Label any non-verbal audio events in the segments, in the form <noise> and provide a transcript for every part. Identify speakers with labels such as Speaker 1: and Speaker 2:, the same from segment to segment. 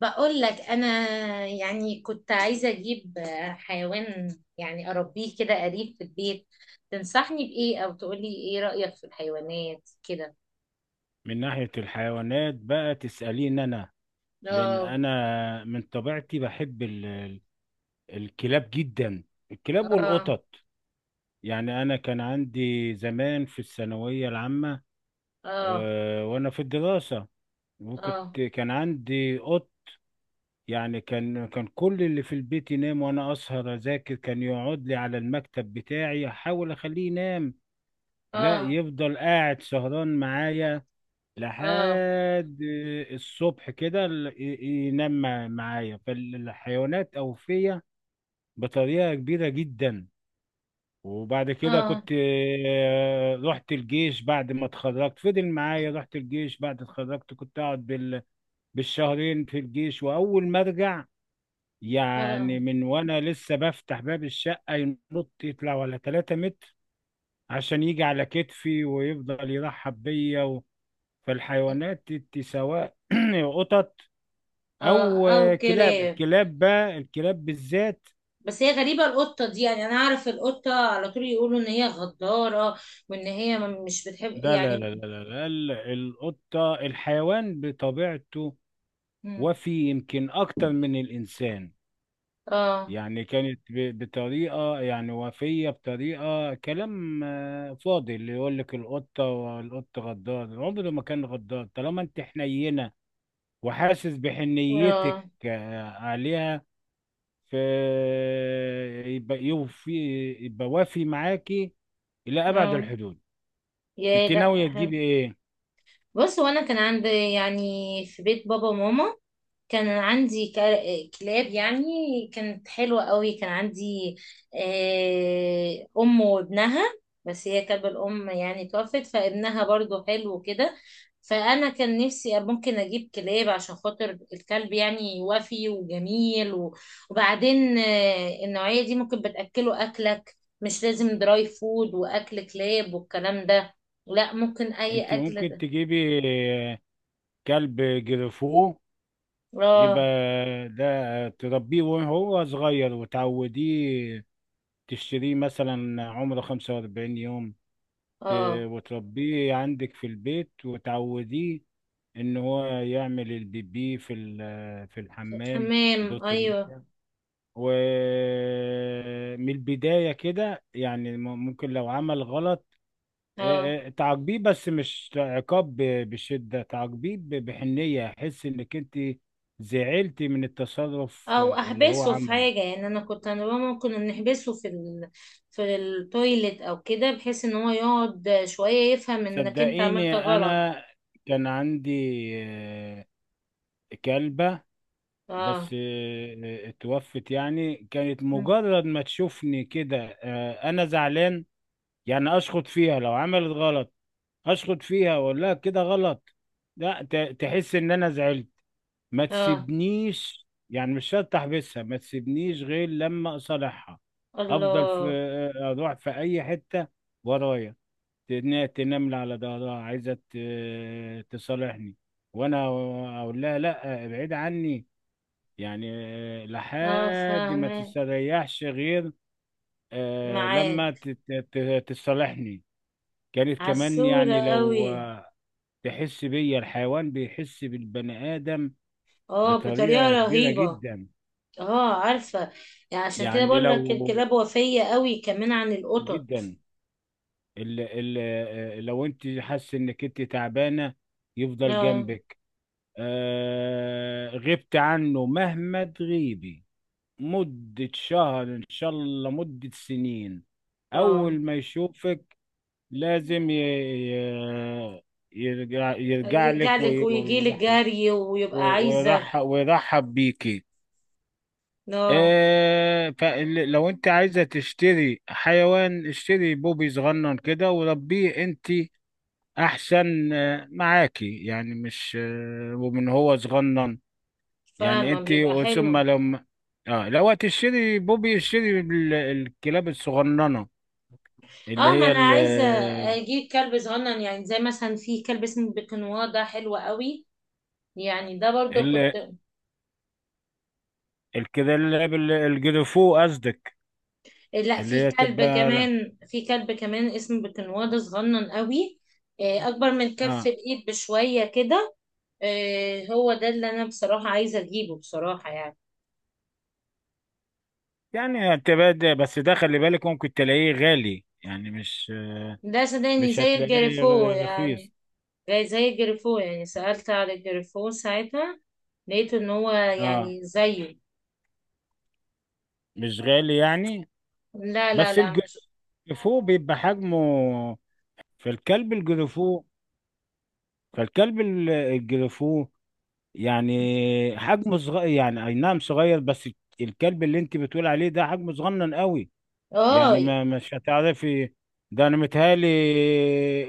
Speaker 1: بقول لك انا، يعني كنت عايزه اجيب حيوان، يعني اربيه كده قريب في البيت. تنصحني بايه؟ او تقولي ايه رايك في الحيوانات كده.
Speaker 2: من ناحية الحيوانات بقى تسأليني أنا. لأن
Speaker 1: اه.
Speaker 2: أنا من طبيعتي بحب الكلاب جدا، الكلاب
Speaker 1: اه.
Speaker 2: والقطط. يعني أنا كان عندي زمان في الثانوية العامة،
Speaker 1: اه.
Speaker 2: وأنا في الدراسة، وكنت
Speaker 1: اه.
Speaker 2: كان عندي قط. يعني كان كل اللي في البيت ينام وأنا أسهر أذاكر، كان يقعد لي على المكتب بتاعي أحاول أخليه ينام، لا
Speaker 1: اه.
Speaker 2: يفضل قاعد سهران معايا
Speaker 1: اه.
Speaker 2: لحد الصبح كده، ينام معايا. فالحيوانات أوفية بطريقة كبيرة جدا. وبعد كده
Speaker 1: اه.
Speaker 2: كنت، رحت الجيش بعد ما اتخرجت، فضل معايا، رحت الجيش بعد اتخرجت، كنت اقعد بالشهرين في الجيش. واول ما ارجع، يعني
Speaker 1: اه.
Speaker 2: من وانا لسه بفتح باب الشقة، ينط يطلع ولا 3 متر عشان يجي على كتفي ويفضل يرحب بيا. فالحيوانات سواء <clears throat> قطط
Speaker 1: اه.
Speaker 2: او
Speaker 1: او
Speaker 2: كلاب،
Speaker 1: كلاب.
Speaker 2: الكلاب بقى، الكلاب بالذات.
Speaker 1: بس هي غريبه القطه دي، يعني انا اعرف القطه على طول يقولوا ان هي غداره، وان هي مش بتحب
Speaker 2: ده لا
Speaker 1: يعني.
Speaker 2: لا لا لا لا، القطة الحيوان بطبيعته،
Speaker 1: مم.
Speaker 2: وفي يمكن اكتر من الانسان.
Speaker 1: اه.
Speaker 2: يعني كانت بطريقة، يعني وفية بطريقة، كلام فاضي اللي يقول لك القطة والقط غدار، عمره ما كان غدار طالما انت حنينة وحاسس بحنيتك
Speaker 1: اه.
Speaker 2: عليها. ف يبقى يوفي، يبقى وافي معاكي إلى أبعد
Speaker 1: اه.
Speaker 2: الحدود.
Speaker 1: يا
Speaker 2: انت ناوية
Speaker 1: لا.
Speaker 2: تجيبي ايه؟
Speaker 1: بص، وانا كان عندي يعني في بيت بابا وماما، كان عندي كلاب يعني. كانت حلوة قوي. كان عندي آه، أم وابنها. بس هي كلب الأم يعني توفت، فابنها برضو حلو كده. فأنا كان نفسي ممكن أجيب كلاب عشان خاطر الكلب يعني وفي وجميل وبعدين آه، النوعية دي ممكن بتأكله أكلك، مش لازم دراي فود وأكل كلاب والكلام ده، لا، ممكن أي
Speaker 2: انت
Speaker 1: أكل.
Speaker 2: ممكن تجيبي كلب جريفو، يبقى
Speaker 1: اه.
Speaker 2: ده تربيه وهو صغير وتعوديه. تشتريه مثلا عمره 45 يوم، ت-
Speaker 1: اه.
Speaker 2: وتربيه عندك في البيت وتعوديه ان هو يعمل البيبي في في الحمام.
Speaker 1: حمام،
Speaker 2: دوت
Speaker 1: ايوه.
Speaker 2: الميه. ومن البداية كده يعني، ممكن لو عمل غلط،
Speaker 1: اه.
Speaker 2: تعاقبيه بس مش عقاب بشدة، تعاقبيه بحنية، احس انك انت زعلتي من التصرف
Speaker 1: او
Speaker 2: اللي هو
Speaker 1: احبسه في
Speaker 2: عمله.
Speaker 1: حاجه، يعني انا كنت انا بابا ممكن نحبسه في ال... في التويليت او كده، بحيث ان هو يقعد شويه يفهم انك انت
Speaker 2: صدقيني
Speaker 1: عملت غلط.
Speaker 2: انا كان عندي آه، كلبة، بس
Speaker 1: اه.
Speaker 2: اتوفت. يعني كانت
Speaker 1: مم.
Speaker 2: مجرد ما تشوفني كده انا زعلان، يعني اشخط فيها لو عملت غلط، اشخط فيها واقول لها كده غلط، لا تحس ان انا زعلت، ما
Speaker 1: اه.
Speaker 2: تسيبنيش. يعني مش شرط احبسها، ما تسيبنيش غير لما اصالحها، افضل في،
Speaker 1: الله.
Speaker 2: اروح في اي حته ورايا، تنمل على ظهرها عايزه تصالحني، وانا اقول لها لا، ابعد عني يعني،
Speaker 1: اه.
Speaker 2: لحد ما
Speaker 1: فاهمه.
Speaker 2: تستريحش غير لما
Speaker 1: معاك.
Speaker 2: تصالحني. كانت كمان
Speaker 1: عسوله
Speaker 2: يعني لو
Speaker 1: قوي.
Speaker 2: تحس بيا، الحيوان بيحس بالبني ادم
Speaker 1: اه، بطريقه
Speaker 2: بطريقه كبيره
Speaker 1: رهيبه.
Speaker 2: جدا.
Speaker 1: اه عارفه. يعني عشان كده
Speaker 2: يعني
Speaker 1: بقول لك
Speaker 2: لو
Speaker 1: الكلاب وفيه قوي كمان عن القطط.
Speaker 2: جدا، ال ال لو انت حاسه انك انت تعبانه يفضل
Speaker 1: اه.
Speaker 2: جنبك. غبت عنه مهما تغيبي مدة شهر ان شاء الله، مدة سنين،
Speaker 1: اه.
Speaker 2: اول ما يشوفك لازم يرجع لك
Speaker 1: يرجعلك ويجيلك
Speaker 2: ويرحب
Speaker 1: جري ويبقى عايزة.
Speaker 2: ويرحب ويرحب بيكي.
Speaker 1: اه
Speaker 2: فلو انت عايزة تشتري حيوان، اشتري بوبي صغنن كده وربيه انت، احسن معاكي. يعني مش ومن هو صغنن، يعني
Speaker 1: فاهمة،
Speaker 2: انت
Speaker 1: بيبقى
Speaker 2: ثم
Speaker 1: حلو.
Speaker 2: لما، اه لو هتشتري بوبي، اشتري الكلاب الصغننة اللي
Speaker 1: اه، ما
Speaker 2: هي
Speaker 1: انا
Speaker 2: ال
Speaker 1: عايزة اجيب كلب صغنن، يعني زي مثلا في كلب اسمه بيكنوا ده حلو قوي. يعني ده برضو
Speaker 2: ال
Speaker 1: كنت.
Speaker 2: الكلاب الجرفو قصدك،
Speaker 1: لا،
Speaker 2: اللي
Speaker 1: في
Speaker 2: هي
Speaker 1: كلب
Speaker 2: تبقى،
Speaker 1: كمان، في كلب كمان اسمه بيكنوا ده صغنن قوي، آه، اكبر من كف
Speaker 2: اه
Speaker 1: الايد بشوية كده. آه، هو ده اللي انا بصراحة عايزة اجيبه بصراحة يعني.
Speaker 2: يعني هتبقى، بس ده خلي بالك ممكن تلاقيه غالي، يعني مش
Speaker 1: ده سوداني
Speaker 2: مش
Speaker 1: زي
Speaker 2: هتلاقيه
Speaker 1: الجريفو يعني،
Speaker 2: رخيص.
Speaker 1: زي جريفو. يعني سألت على جريفو ساعتها، لقيت ان هو
Speaker 2: اه
Speaker 1: يعني زيه.
Speaker 2: مش غالي يعني،
Speaker 1: لا لا
Speaker 2: بس
Speaker 1: لا مش.
Speaker 2: الجرفو بيبقى حجمه، في الكلب الجرفو، فالكلب الجرفو يعني حجمه صغير، يعني اي نعم صغير، بس الكلب اللي انت بتقول عليه ده حجمه صغنن قوي،
Speaker 1: اه.
Speaker 2: يعني ما مش هتعرفي. ده انا متهيألي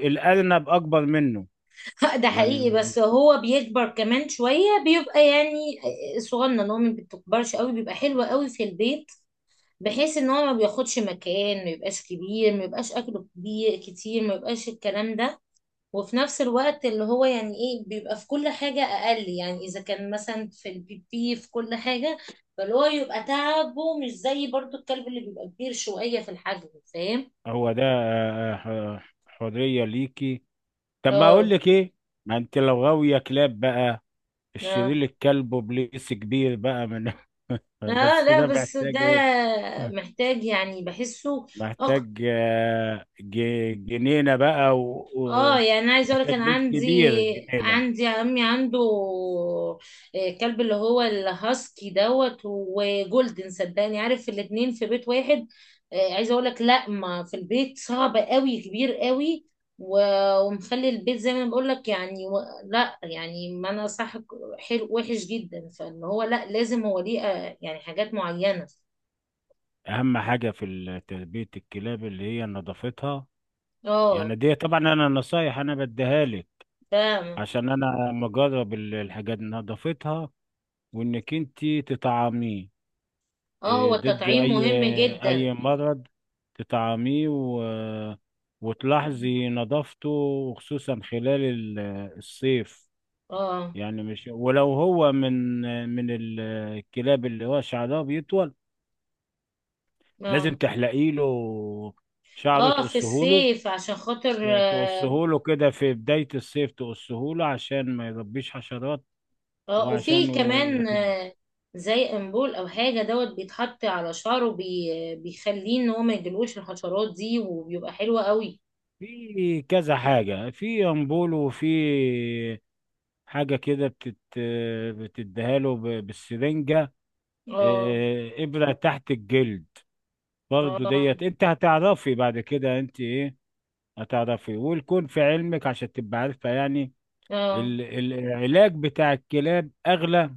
Speaker 2: الارنب اكبر منه.
Speaker 1: <laughs> ده حقيقي،
Speaker 2: يعني
Speaker 1: بس هو بيكبر كمان شوية بيبقى يعني صغنن، هو ما بتكبرش قوي، بيبقى حلو قوي في البيت، بحيث ان هو ما بياخدش مكان، ما يبقاش كبير، ما يبقاش اكله كبير كتير، ما يبقاش الكلام ده. وفي نفس الوقت اللي هو يعني ايه، بيبقى في كل حاجة أقل، يعني إذا كان مثلا في البيبي في كل حاجة. فاللي هو يبقى تعبه مش زي برضو الكلب اللي بيبقى كبير شوية في الحجم. فاهم؟
Speaker 2: هو ده، حرية ليكي. طب ما اقول
Speaker 1: اه.
Speaker 2: لك ايه، ما انت لو غاوية كلاب بقى،
Speaker 1: اه.
Speaker 2: الشرير الكلب وبليس كبير بقى من <laughs>
Speaker 1: اه
Speaker 2: بس
Speaker 1: لا،
Speaker 2: ده
Speaker 1: بس ده
Speaker 2: محتاج ايه،
Speaker 1: محتاج يعني بحسه أكتر.
Speaker 2: محتاج جنينة بقى،
Speaker 1: اه، يعني
Speaker 2: ومحتاج
Speaker 1: انا عايزه اقول كان
Speaker 2: بيت
Speaker 1: عندي،
Speaker 2: كبير، جنينة.
Speaker 1: عندي عمي عنده آه، كلب اللي هو الهاسكي دوت وجولدن، صدقني عارف الاتنين في بيت واحد. آه، عايزه اقول لك، لا، ما في البيت صعب قوي، كبير قوي، ومخلي البيت زي ما أنا بقول لك يعني و... لا يعني ما انا صح، حلو وحش جدا، فان هو لا لازم هو ليه آه، يعني حاجات معينه.
Speaker 2: أهم حاجة في تربية الكلاب اللي هي نظافتها.
Speaker 1: اه
Speaker 2: يعني دي طبعا أنا نصايح أنا بديها لك،
Speaker 1: فاهم.
Speaker 2: عشان أنا مجرب الحاجات، نظافتها وإنك أنت تطعميه
Speaker 1: اه هو
Speaker 2: ضد
Speaker 1: التطعيم
Speaker 2: أي
Speaker 1: مهم جدا.
Speaker 2: أي مرض، تطعميه وتلاحظي نظافته، وخصوصا خلال الصيف،
Speaker 1: اه.
Speaker 2: يعني مش ولو هو من الكلاب اللي هو شعرها بيطول لازم
Speaker 1: اه.
Speaker 2: تحلقي له شعره،
Speaker 1: اه، في الصيف عشان خاطر
Speaker 2: تقصه
Speaker 1: اه.
Speaker 2: له كده في بداية الصيف، تقصه له عشان ما يربيش حشرات.
Speaker 1: آه، وفي
Speaker 2: وعشان و...
Speaker 1: كمان
Speaker 2: وت-
Speaker 1: آه، زي امبول او حاجه دوت بيتحط على شعره بيخليه ان هو ما يجيلوش الحشرات دي، وبيبقى حلو قوي.
Speaker 2: في كذا حاجة، في أمبول، وفي حاجة كده بتديها له بالسرنجة،
Speaker 1: اه.
Speaker 2: إبرة تحت الجلد. برضو
Speaker 1: اه.
Speaker 2: ديت أنت هتعرفي بعد كده، أنت هتعرفي والكون في علمك عشان تبقى عارفة، يعني
Speaker 1: اه.
Speaker 2: العلاج بتاع الكلاب أغلى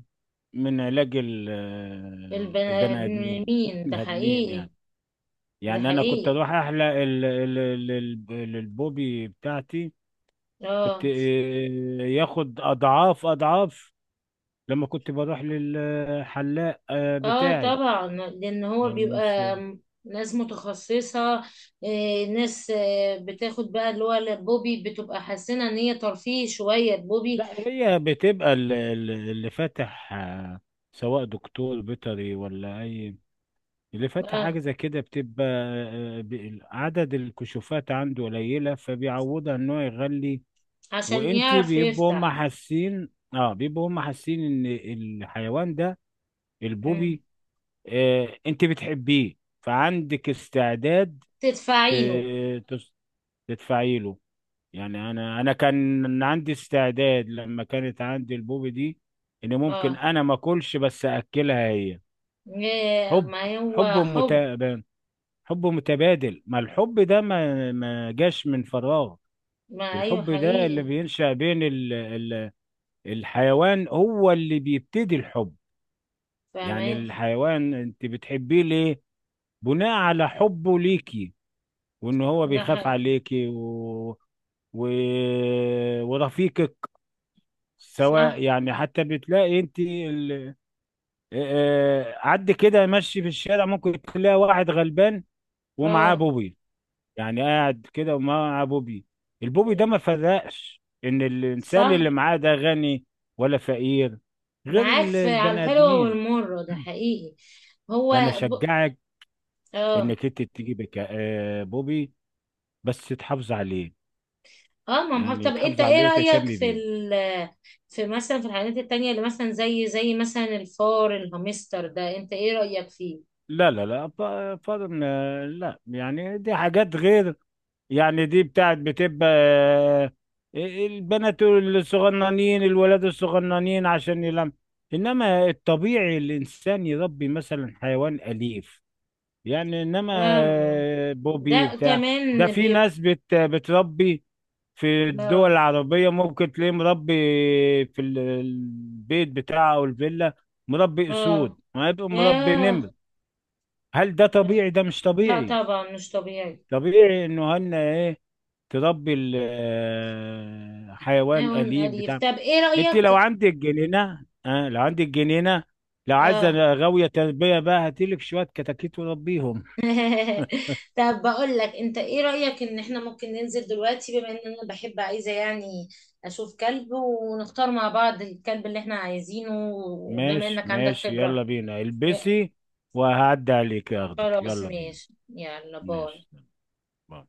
Speaker 2: من علاج
Speaker 1: البني
Speaker 2: البني آدمين <laughs>
Speaker 1: ادمين، ده
Speaker 2: البني آدمين
Speaker 1: حقيقي.
Speaker 2: يعني.
Speaker 1: ده
Speaker 2: يعني أنا كنت
Speaker 1: حقيقي.
Speaker 2: أروح أحلق البوبي بتاعتي، كنت
Speaker 1: اه.
Speaker 2: ياخد أضعاف أضعاف لما كنت بروح للحلاق
Speaker 1: اه
Speaker 2: بتاعي.
Speaker 1: طبعا، لان هو
Speaker 2: يعني مش
Speaker 1: بيبقى ناس متخصصة، آه، ناس آه، بتاخد بقى اللي هو البوبي بتبقى حاسة ان هي ترفيه شوية البوبي.
Speaker 2: لا، هي بتبقى اللي فاتح، سواء دكتور بيطري ولا اي، اللي فاتح حاجة زي كده بتبقى، عدد الكشوفات عنده قليلة فبيعوضها ان هو يغلي.
Speaker 1: عشان يعرف
Speaker 2: بيبقوا هم
Speaker 1: يفتح.
Speaker 2: حاسين، اه بيبقوا هم حاسين، ان الحيوان ده،
Speaker 1: مم.
Speaker 2: البوبي، انت بتحبيه فعندك استعداد
Speaker 1: تدفعي له.
Speaker 2: ت- تس- تدفعي له. يعني انا كان عندي استعداد لما كانت عندي البوبي دي ان ممكن
Speaker 1: اه.
Speaker 2: انا ما اكلش بس اكلها هي.
Speaker 1: إيه،
Speaker 2: حب،
Speaker 1: ما
Speaker 2: حب
Speaker 1: هو حب.
Speaker 2: متبادل، حب متبادل، ما الحب ده ما جاش من فراغ.
Speaker 1: ما ايوه
Speaker 2: الحب ده اللي
Speaker 1: حقيقي.
Speaker 2: بينشأ بين ال ال الحيوان هو اللي بيبتدي الحب. يعني
Speaker 1: فاهمك.
Speaker 2: الحيوان انت بتحبيه ليه، بناء على حبه ليكي، وان هو
Speaker 1: ده
Speaker 2: بيخاف
Speaker 1: حقيقي.
Speaker 2: عليكي و... ورفيقك. سواء
Speaker 1: صح.
Speaker 2: يعني، حتى بتلاقي انت ال... آه، آه، عد كده ماشي في الشارع، ممكن تلاقي واحد غلبان ومعاه
Speaker 1: اه.
Speaker 2: بوبي. يعني قاعد كده ومعاه بوبي، البوبي ده ما فرقش ان الانسان
Speaker 1: صح.
Speaker 2: اللي معاه ده غني ولا فقير، غير
Speaker 1: معاك في على
Speaker 2: البني
Speaker 1: الحلوة
Speaker 2: ادمين.
Speaker 1: والمرة، ده حقيقي. هو
Speaker 2: فانا
Speaker 1: ب...
Speaker 2: اشجعك
Speaker 1: اه.
Speaker 2: انك انت تجيب بوبي، بس تحافظ عليه،
Speaker 1: اه. ما هو، طب
Speaker 2: يعني
Speaker 1: انت
Speaker 2: تحافظ
Speaker 1: ايه
Speaker 2: عليه وتهتم
Speaker 1: رأيك في
Speaker 2: بيه.
Speaker 1: ال، في مثلا في الحاجات التانية، اللي مثلا زي مثلا الفار، الهامستر ده انت ايه رأيك فيه؟
Speaker 2: لا لا لا، فضل لا، يعني دي حاجات غير، يعني دي بتاعت بتبقى البنات الصغننين الولاد الصغننين عشان يلم، انما الطبيعي الانسان يربي مثلا حيوان اليف. يعني انما
Speaker 1: آه،
Speaker 2: بوبي
Speaker 1: ده
Speaker 2: بتاع، ده
Speaker 1: كمان
Speaker 2: في
Speaker 1: بيبقى.
Speaker 2: ناس بتربي في الدول
Speaker 1: اه.
Speaker 2: العربية ممكن تلاقيه مربي في البيت بتاعه او الفيلا، مربي
Speaker 1: آه.
Speaker 2: اسود، ما يبقى مربي نمر.
Speaker 1: آه
Speaker 2: هل ده طبيعي؟ ده مش
Speaker 1: لا
Speaker 2: طبيعي.
Speaker 1: طبعا مش طبيعي.
Speaker 2: طبيعي انه هن ايه، تربي حيوان
Speaker 1: حيوان
Speaker 2: أليف
Speaker 1: أليف.
Speaker 2: بتاع.
Speaker 1: طب إيه
Speaker 2: انت
Speaker 1: رأيك؟
Speaker 2: لو عندك جنينة، اه، لو عندك جنينة، لو عايزة
Speaker 1: آه.
Speaker 2: غاوية تربية بقى، هاتيلك شوية كتاكيت وربيهم.
Speaker 1: <laughs> طب بقول لك، أنت إيه رأيك إن إحنا ممكن ننزل دلوقتي، بما إن أنا بحب عايزة يعني أشوف كلب، ونختار مع بعض الكلب اللي إحنا عايزينه، وبما
Speaker 2: ماشي،
Speaker 1: إنك عندك
Speaker 2: ماشي،
Speaker 1: خبرة.
Speaker 2: يلا بينا البسي وهعدي عليك اخدك،
Speaker 1: خلاص،
Speaker 2: يلا بينا.
Speaker 1: ماشي، يلا باي.
Speaker 2: ماشي، باي.